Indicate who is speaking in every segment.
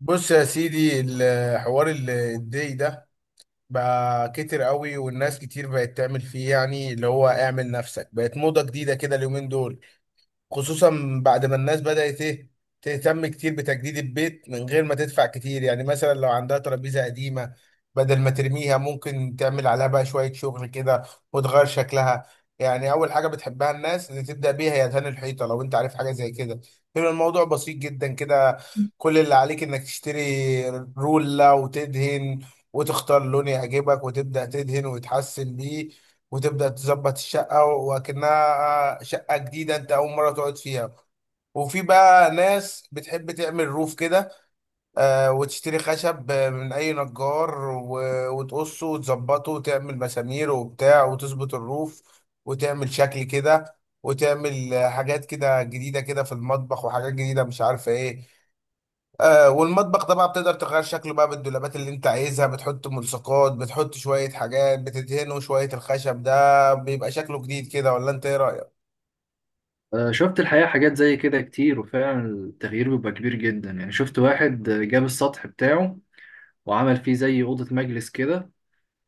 Speaker 1: بص يا سيدي، الحوار الدي ده بقى كتر قوي، والناس كتير بقت تعمل فيه. يعني اللي هو اعمل نفسك بقت موضة جديدة كده اليومين دول، خصوصا بعد ما الناس بدأت ايه، تهتم كتير بتجديد البيت من غير ما تدفع كتير. يعني مثلا لو عندها ترابيزة قديمة، بدل ما ترميها ممكن تعمل عليها بقى شوية شغل كده وتغير شكلها. يعني أول حاجة بتحبها الناس اللي تبدأ بيها هي دهان الحيطة. لو أنت عارف حاجة زي كده، بيبقى الموضوع بسيط جدا كده. كل اللي عليك إنك تشتري رولة وتدهن، وتختار لون يعجبك وتبدأ تدهن وتحسن بيه، وتبدأ تظبط الشقة وكأنها شقة جديدة أنت أول مرة تقعد فيها. وفي بقى ناس بتحب تعمل روف كده، آه، وتشتري خشب، من أي نجار، وتقصه وتظبطه وتعمل مسامير وبتاع وتظبط الروف، وتعمل شكل كده، وتعمل حاجات كده جديدة كده في المطبخ، وحاجات جديدة مش عارفة إيه. آه، والمطبخ ده بقى بتقدر تغير شكله بقى بالدولابات اللي انت عايزها، بتحط ملصقات، بتحط شوية حاجات، بتدهنه شوية، الخشب ده بيبقى شكله جديد كده، ولا انت ايه رأيك؟
Speaker 2: آه، شفت الحقيقة حاجات زي كده كتير، وفعلا التغيير بيبقى كبير جدا يعني. شفت واحد جاب السطح بتاعه وعمل فيه زي أوضة مجلس كده،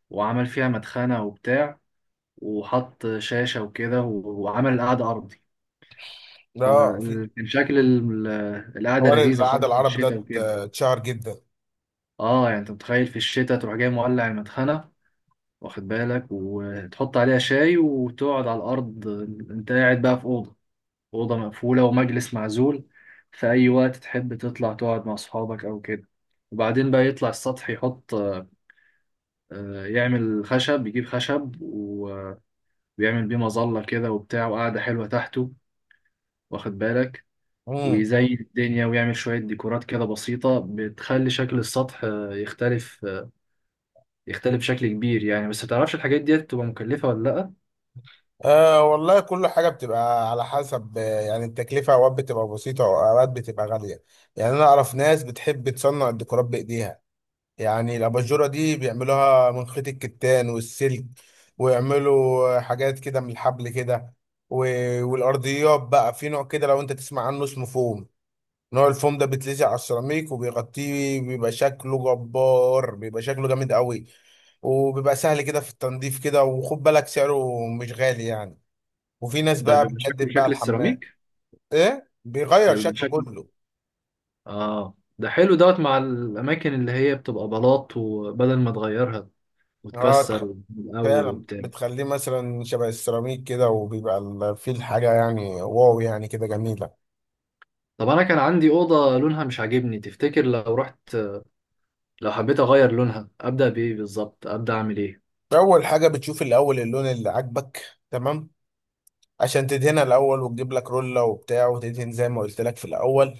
Speaker 2: وعمل فيها مدخنة وبتاع، وحط شاشة وكده، وعمل القعدة أرضي.
Speaker 1: اه، في
Speaker 2: فكان شكل القعدة
Speaker 1: حوار
Speaker 2: لذيذة
Speaker 1: العادة
Speaker 2: خالص في
Speaker 1: العربي ده
Speaker 2: الشتاء وكده.
Speaker 1: اتشهر جدا.
Speaker 2: اه، يعني انت متخيل في الشتاء تروح جاي مولع المدخنة، واخد بالك، وتحط عليها شاي وتقعد على الأرض. انت قاعد بقى في أوضة، أوضة مقفولة ومجلس معزول، في أي وقت تحب تطلع تقعد مع أصحابك أو كده. وبعدين بقى يطلع السطح يحط، يعمل خشب، يجيب خشب ويعمل بيه مظلة كده وبتاع وقعدة حلوة تحته، واخد بالك.
Speaker 1: امم،
Speaker 2: ويزين الدنيا ويعمل شوية ديكورات كده بسيطة بتخلي شكل السطح يختلف، يختلف بشكل كبير يعني. بس متعرفش الحاجات دي بتبقى مكلفة ولا لأ.
Speaker 1: آه والله، كل حاجة بتبقى على حسب. آه، يعني التكلفة اوقات بتبقى بسيطة واوقات بتبقى غالية. يعني انا اعرف ناس بتحب تصنع الديكورات بايديها. يعني الأباجورة دي بيعملوها من خيط الكتان والسلك، ويعملوا حاجات كده من الحبل كده. والأرضيات بقى في نوع كده، لو أنت تسمع عنه اسمه فوم. نوع الفوم ده بيتلزق على السيراميك وبيغطيه، بيبقى شكله جبار، بيبقى شكله جامد قوي، وبيبقى سهل كده في التنظيف كده، وخد بالك سعره مش غالي يعني. وفي ناس
Speaker 2: ده
Speaker 1: بقى
Speaker 2: بيبقى شكل
Speaker 1: بتجدد بقى
Speaker 2: شكل
Speaker 1: الحمام.
Speaker 2: السيراميك.
Speaker 1: ايه، بيغير
Speaker 2: ده بيبقى
Speaker 1: شكله
Speaker 2: شكل.
Speaker 1: كله.
Speaker 2: اه، ده حلو دوت مع الاماكن اللي هي بتبقى بلاط، وبدل ما تغيرها
Speaker 1: اه
Speaker 2: وتكسر من الاول
Speaker 1: فعلا،
Speaker 2: وبتاع.
Speaker 1: بتخليه مثلا شبه السيراميك كده، وبيبقى فيه الحاجة، يعني واو، يعني كده جميلة.
Speaker 2: طب انا كان عندي اوضه لونها مش عاجبني، تفتكر لو رحت، لو حبيت اغير لونها، ابدا بايه بالظبط؟ ابدا اعمل ايه؟
Speaker 1: أول حاجة بتشوف الأول اللون اللي عاجبك تمام، عشان تدهنها الأول، وتجيب لك رولة وبتاع وتدهن زي ما قلت لك في الأول.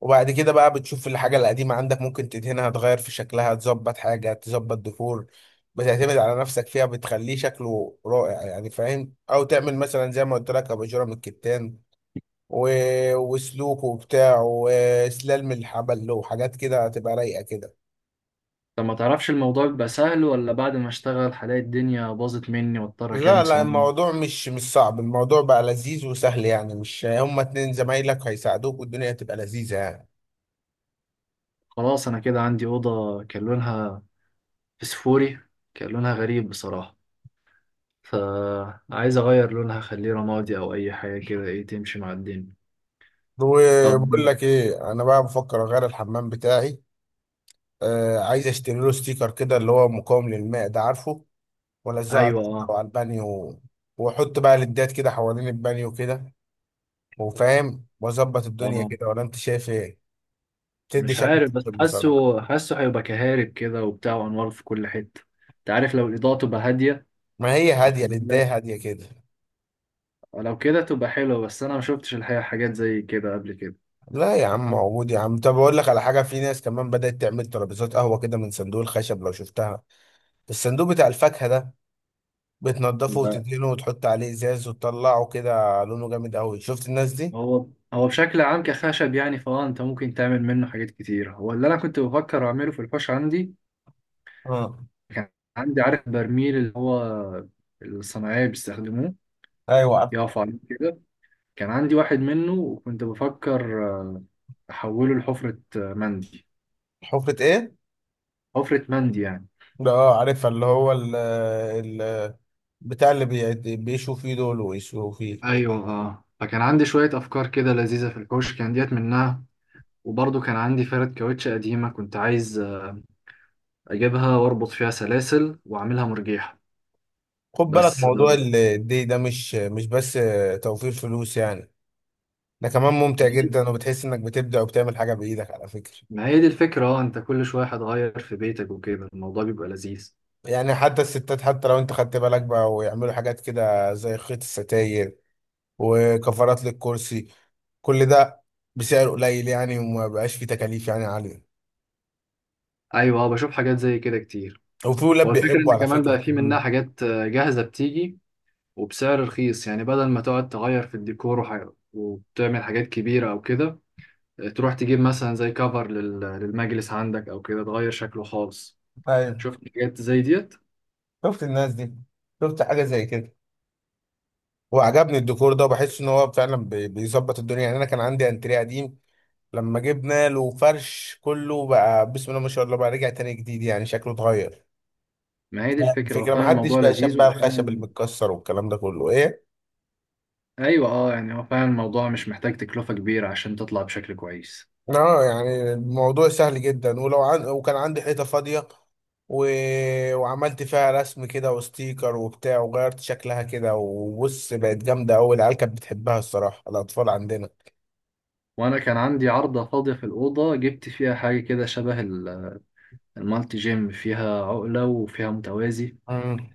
Speaker 1: وبعد كده بقى بتشوف الحاجة القديمة عندك، ممكن تدهنها، تغير في شكلها، تظبط حاجة، تظبط ديكور بتعتمد على نفسك فيها، بتخليه شكله رائع يعني، فاهم؟ أو تعمل مثلا زي ما قلت لك أباجورة من الكتان، وسلوكه وبتاع، وسلالم الحبل، وحاجات كده هتبقى رايقة كده.
Speaker 2: طب ما تعرفش الموضوع بيبقى سهل، ولا بعد ما اشتغل هلاقي الدنيا باظت مني واضطر
Speaker 1: لا
Speaker 2: اكلم
Speaker 1: لا،
Speaker 2: صنايعي؟
Speaker 1: الموضوع مش صعب. الموضوع بقى لذيذ وسهل يعني، مش هما اتنين زمايلك هيساعدوك، والدنيا هتبقى لذيذة يعني.
Speaker 2: خلاص، انا كده عندي اوضه كان لونها فسفوري، كان لونها غريب بصراحه، فعايز اغير لونها، اخليه رمادي او اي حاجه كده، ايه تمشي مع الدنيا. طب.
Speaker 1: وبقول لك ايه، انا بقى بفكر اغير الحمام بتاعي. آه، عايز اشتري له ستيكر كده اللي هو مقاوم للماء ده، عارفه، والزقه على
Speaker 2: ايوه
Speaker 1: الحيطة
Speaker 2: اه.
Speaker 1: وعلى البانيو، واحط بقى ليدات كده حوالين البانيو كده، وفاهم واظبط الدنيا
Speaker 2: اه.
Speaker 1: كده، ولا انت شايف ايه؟ تدي
Speaker 2: مش
Speaker 1: شكل
Speaker 2: عارف بس
Speaker 1: تحفة بصراحة.
Speaker 2: حاسه هيبقى كهارب كده وبتاع وانوار في كل حته. انت عارف لو الاضاءه تبقى هاديه.
Speaker 1: ما هي
Speaker 2: واخد
Speaker 1: هادية،
Speaker 2: بالك.
Speaker 1: البداية هادية كده.
Speaker 2: لو كده تبقى حلوه، بس انا ما شفتش الحقيقه حاجات زي كده قبل كده.
Speaker 1: لا يا عم، عود يا عم. طب اقول لك على حاجة، في ناس كمان بدأت تعمل ترابيزات قهوة كده من صندوق الخشب، لو شفتها، الصندوق بتاع الفاكهة ده، بتنضفه
Speaker 2: لا.
Speaker 1: وتدهنه وتحط عليه ازاز وتطلعه كده لونه جامد قوي، شفت الناس دي؟
Speaker 2: هو هو بشكل عام كخشب يعني، فاه انت ممكن تعمل منه حاجات كتير، هو اللي انا كنت بفكر اعمله في الحوش عندي.
Speaker 1: اه.
Speaker 2: كان عندي، عارف، برميل اللي هو الصناعيه بيستخدموه
Speaker 1: ايوه، عارف.
Speaker 2: يقفوا عليه كده. كان عندي واحد منه وكنت بفكر احوله لحفره، مندي.
Speaker 1: حفرة ايه؟
Speaker 2: حفرة مندي يعني.
Speaker 1: ده اه عارفها، اللي هو ال بتاع، اللي بيشوا فيه دول ويسووا فيه.
Speaker 2: ايوه اه، فكان عندي شوية افكار كده لذيذة في الحوش، كان ديت منها. وبرضه كان عندي فرد كاوتش قديمة، كنت عايز اجيبها واربط فيها سلاسل واعملها مرجيحة.
Speaker 1: خد بالك،
Speaker 2: بس
Speaker 1: موضوع الدي ده مش بس توفير فلوس يعني، ده كمان ممتع
Speaker 2: دي
Speaker 1: جدا، وبتحس انك بتبدع وبتعمل حاجة بإيدك على فكرة.
Speaker 2: ما هي دي الفكرة، اه. انت كل شوية هتغير في بيتك وكده، الموضوع بيبقى لذيذ.
Speaker 1: يعني حتى الستات، حتى لو انت خدت بالك بقى، ويعملوا حاجات كده زي خيط الستاير وكفرات للكرسي، كل ده بسعر قليل يعني، وما بقاش فيه تكاليف يعني عالية.
Speaker 2: ايوه اه، بشوف حاجات زي كده كتير.
Speaker 1: وفي
Speaker 2: هو
Speaker 1: ولاد
Speaker 2: الفكرة
Speaker 1: بيحبوا
Speaker 2: ان
Speaker 1: على
Speaker 2: كمان
Speaker 1: فكرة
Speaker 2: بقى في
Speaker 1: الكلام
Speaker 2: منها
Speaker 1: ده.
Speaker 2: حاجات جاهزة بتيجي، وبسعر رخيص يعني. بدل ما تقعد تغير في الديكور وبتعمل حاجات كبيرة او كده، تروح تجيب مثلا زي كفر للمجلس عندك او كده تغير شكله خالص.
Speaker 1: ايوه،
Speaker 2: شفت حاجات زي ديت.
Speaker 1: شفت الناس دي؟ شفت حاجة زي كده، وعجبني الديكور ده، وبحس ان هو فعلا بيظبط الدنيا يعني. انا كان عندي انتريه قديم، لما جبنا له فرش كله بقى، بسم الله ما شاء الله، بقى رجع تاني جديد يعني، شكله اتغير.
Speaker 2: ما هي دي الفكرة، هو
Speaker 1: الفكرة
Speaker 2: فعلا
Speaker 1: محدش
Speaker 2: الموضوع
Speaker 1: بقى شاب
Speaker 2: لذيذ
Speaker 1: بقى
Speaker 2: واحيانا.
Speaker 1: الخشب المتكسر والكلام ده كله ايه.
Speaker 2: ايوه اه، يعني هو فعلا الموضوع مش محتاج تكلفة كبيرة عشان تطلع بشكل كويس.
Speaker 1: اه يعني الموضوع سهل جدا. وكان عندي حيطة فاضية، و... وعملت فيها رسم كده وستيكر وبتاع، وغيرت شكلها كده، وبص، بقت جامدة أوي. العيال كانت بتحبها الصراحة، الأطفال عندنا.
Speaker 2: وانا كان عندي عارضة فاضية في الأوضة، جبت فيها حاجة كده شبه المالتي جيم، فيها عقلة وفيها متوازي،
Speaker 1: مم.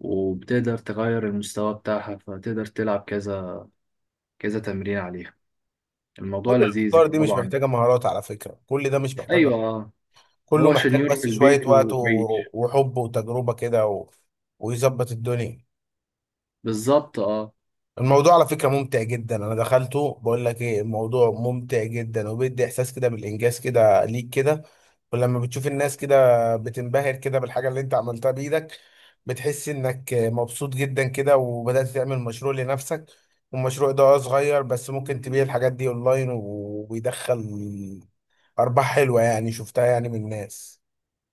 Speaker 2: وبتقدر تغير المستوى بتاعها، فتقدر تلعب كذا، كذا تمرين عليها.
Speaker 1: كل
Speaker 2: الموضوع لذيذ
Speaker 1: الأفكار دي مش
Speaker 2: طبعا.
Speaker 1: محتاجة مهارات على فكرة، كل ده مش محتاجة،
Speaker 2: ايوه
Speaker 1: كله
Speaker 2: هو
Speaker 1: محتاج
Speaker 2: شنيور في
Speaker 1: بس شوية
Speaker 2: البيت
Speaker 1: وقت
Speaker 2: وبعيد.
Speaker 1: وحب وتجربة كده ويظبط الدنيا.
Speaker 2: بالظبط اه.
Speaker 1: الموضوع على فكرة ممتع جدا، انا دخلته، بقول لك ايه، الموضوع ممتع جدا، وبيدي احساس كده بالانجاز كده ليك كده، ولما بتشوف الناس كده بتنبهر كده بالحاجة اللي انت عملتها بايدك، بتحس انك مبسوط جدا كده، وبدأت تعمل مشروع لنفسك. والمشروع ده اه صغير، بس ممكن تبيع الحاجات دي اونلاين، وبيدخل ارباح حلوة يعني، شفتها يعني من الناس،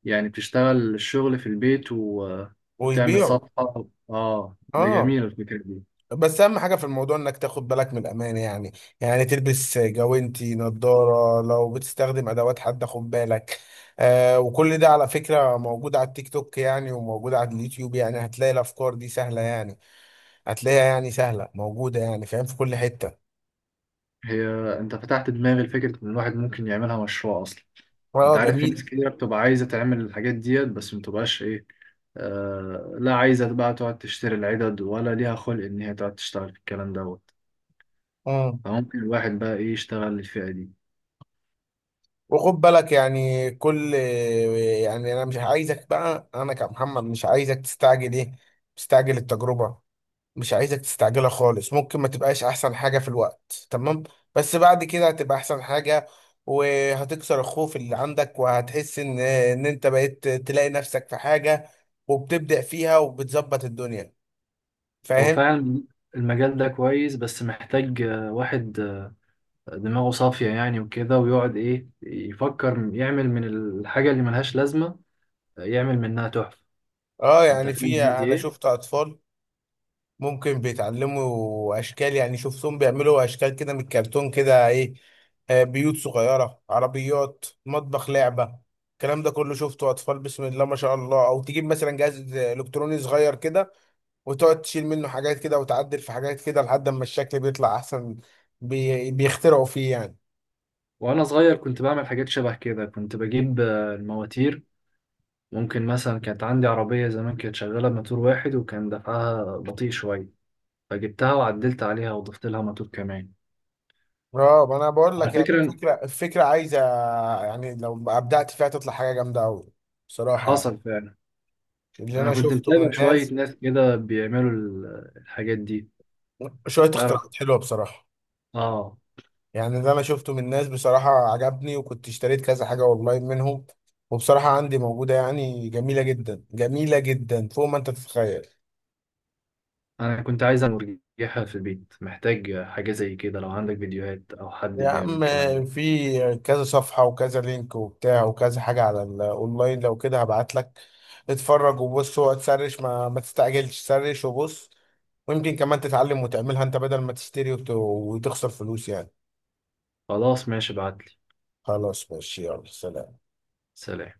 Speaker 2: يعني بتشتغل الشغل في البيت وتعمل
Speaker 1: ويبيعوا.
Speaker 2: صفحة، اه، ده
Speaker 1: اه،
Speaker 2: جميل الفكرة دي.
Speaker 1: بس اهم حاجه في الموضوع انك تاخد بالك من الامان يعني، يعني تلبس جوانتي، نظاره، لو بتستخدم ادوات حد، خد بالك. آه، وكل ده على فكره موجود على التيك توك يعني، وموجود على اليوتيوب يعني، هتلاقي الافكار دي سهله يعني، هتلاقيها يعني سهله، موجوده يعني، فاهم، في كل حته.
Speaker 2: هي، انت فتحت دماغي لفكرة ان الواحد ممكن يعملها مشروع اصلا. انت
Speaker 1: اه
Speaker 2: عارف في ناس
Speaker 1: جميل.
Speaker 2: كتير بتبقى عايزة تعمل الحاجات ديت، بس ما بتبقاش ايه، لا، عايزة بقى تقعد تشتري العدد، ولا ليها خلق ان هي تقعد تشتغل في الكلام دوت.
Speaker 1: امم،
Speaker 2: فممكن الواحد بقى ايه يشتغل للفئة دي.
Speaker 1: وخد بالك يعني كل، يعني انا مش عايزك بقى، انا كمحمد مش عايزك تستعجل ايه، تستعجل التجربه، مش عايزك تستعجلها خالص، ممكن ما تبقاش احسن حاجة في الوقت تمام، بس بعد كده هتبقى احسن حاجة، وهتكسر الخوف اللي عندك، وهتحس ان انت بقيت تلاقي نفسك في حاجة، وبتبدأ فيها وبتظبط الدنيا،
Speaker 2: هو
Speaker 1: فاهم.
Speaker 2: فعلا المجال ده كويس، بس محتاج واحد دماغه صافية يعني وكده، ويقعد، إيه، يفكر يعمل من الحاجة اللي ملهاش لازمة، يعمل منها تحفة.
Speaker 1: اه
Speaker 2: أنت
Speaker 1: يعني، في
Speaker 2: فاهم قصدي
Speaker 1: انا
Speaker 2: إيه؟
Speaker 1: شفت اطفال ممكن بيتعلموا اشكال يعني، شفتهم بيعملوا اشكال كده من الكرتون كده ايه، آه، بيوت صغيره، عربيات، مطبخ لعبه، الكلام ده كله شفته اطفال بسم الله ما شاء الله. او تجيب مثلا جهاز الكتروني صغير كده، وتقعد تشيل منه حاجات كده، وتعدل في حاجات كده لحد ما الشكل بيطلع احسن، بيخترعوا فيه يعني.
Speaker 2: وأنا صغير كنت بعمل حاجات شبه كده، كنت بجيب المواتير. ممكن مثلا كانت عندي عربية زمان كانت شغالة بموتور واحد، وكان دفعها بطيء شوية، فجبتها وعدلت عليها وضفت لها موتور كمان.
Speaker 1: اه ما انا بقول
Speaker 2: على
Speaker 1: لك، يعني
Speaker 2: فكرة.
Speaker 1: الفكره عايزه يعني، لو ابدعت فيها تطلع حاجه جامده قوي بصراحه يعني،
Speaker 2: حصل فعلا.
Speaker 1: اللي
Speaker 2: أنا
Speaker 1: انا
Speaker 2: كنت
Speaker 1: شفته من
Speaker 2: متابع شوية
Speaker 1: الناس
Speaker 2: ناس كده بيعملوا الحاجات دي،
Speaker 1: شويه
Speaker 2: تعرف،
Speaker 1: اختراعات حلوه بصراحه.
Speaker 2: آه.
Speaker 1: يعني اللي انا شفته من الناس بصراحة عجبني، وكنت اشتريت كذا حاجة اونلاين منهم، وبصراحة عندي موجودة يعني، جميلة جدا، جميلة جدا فوق ما انت تتخيل.
Speaker 2: انا كنت عايز اعمل مرجحة في البيت، محتاج حاجة زي كده، لو عندك فيديوهات او حد
Speaker 1: يا
Speaker 2: بيعمل
Speaker 1: عم،
Speaker 2: الكلام ده.
Speaker 1: في كذا صفحة وكذا لينك وبتاع وكذا حاجة على الاونلاين، لو كده هبعت لك، اتفرج وبص وتسرش، ما تستعجلش، سرش وبص، ويمكن كمان تتعلم وتعملها انت بدل ما تشتري وتخسر فلوس يعني.
Speaker 2: خلاص ماشي، ابعتلي.
Speaker 1: خلاص ماشي، يلا سلام.
Speaker 2: سلام.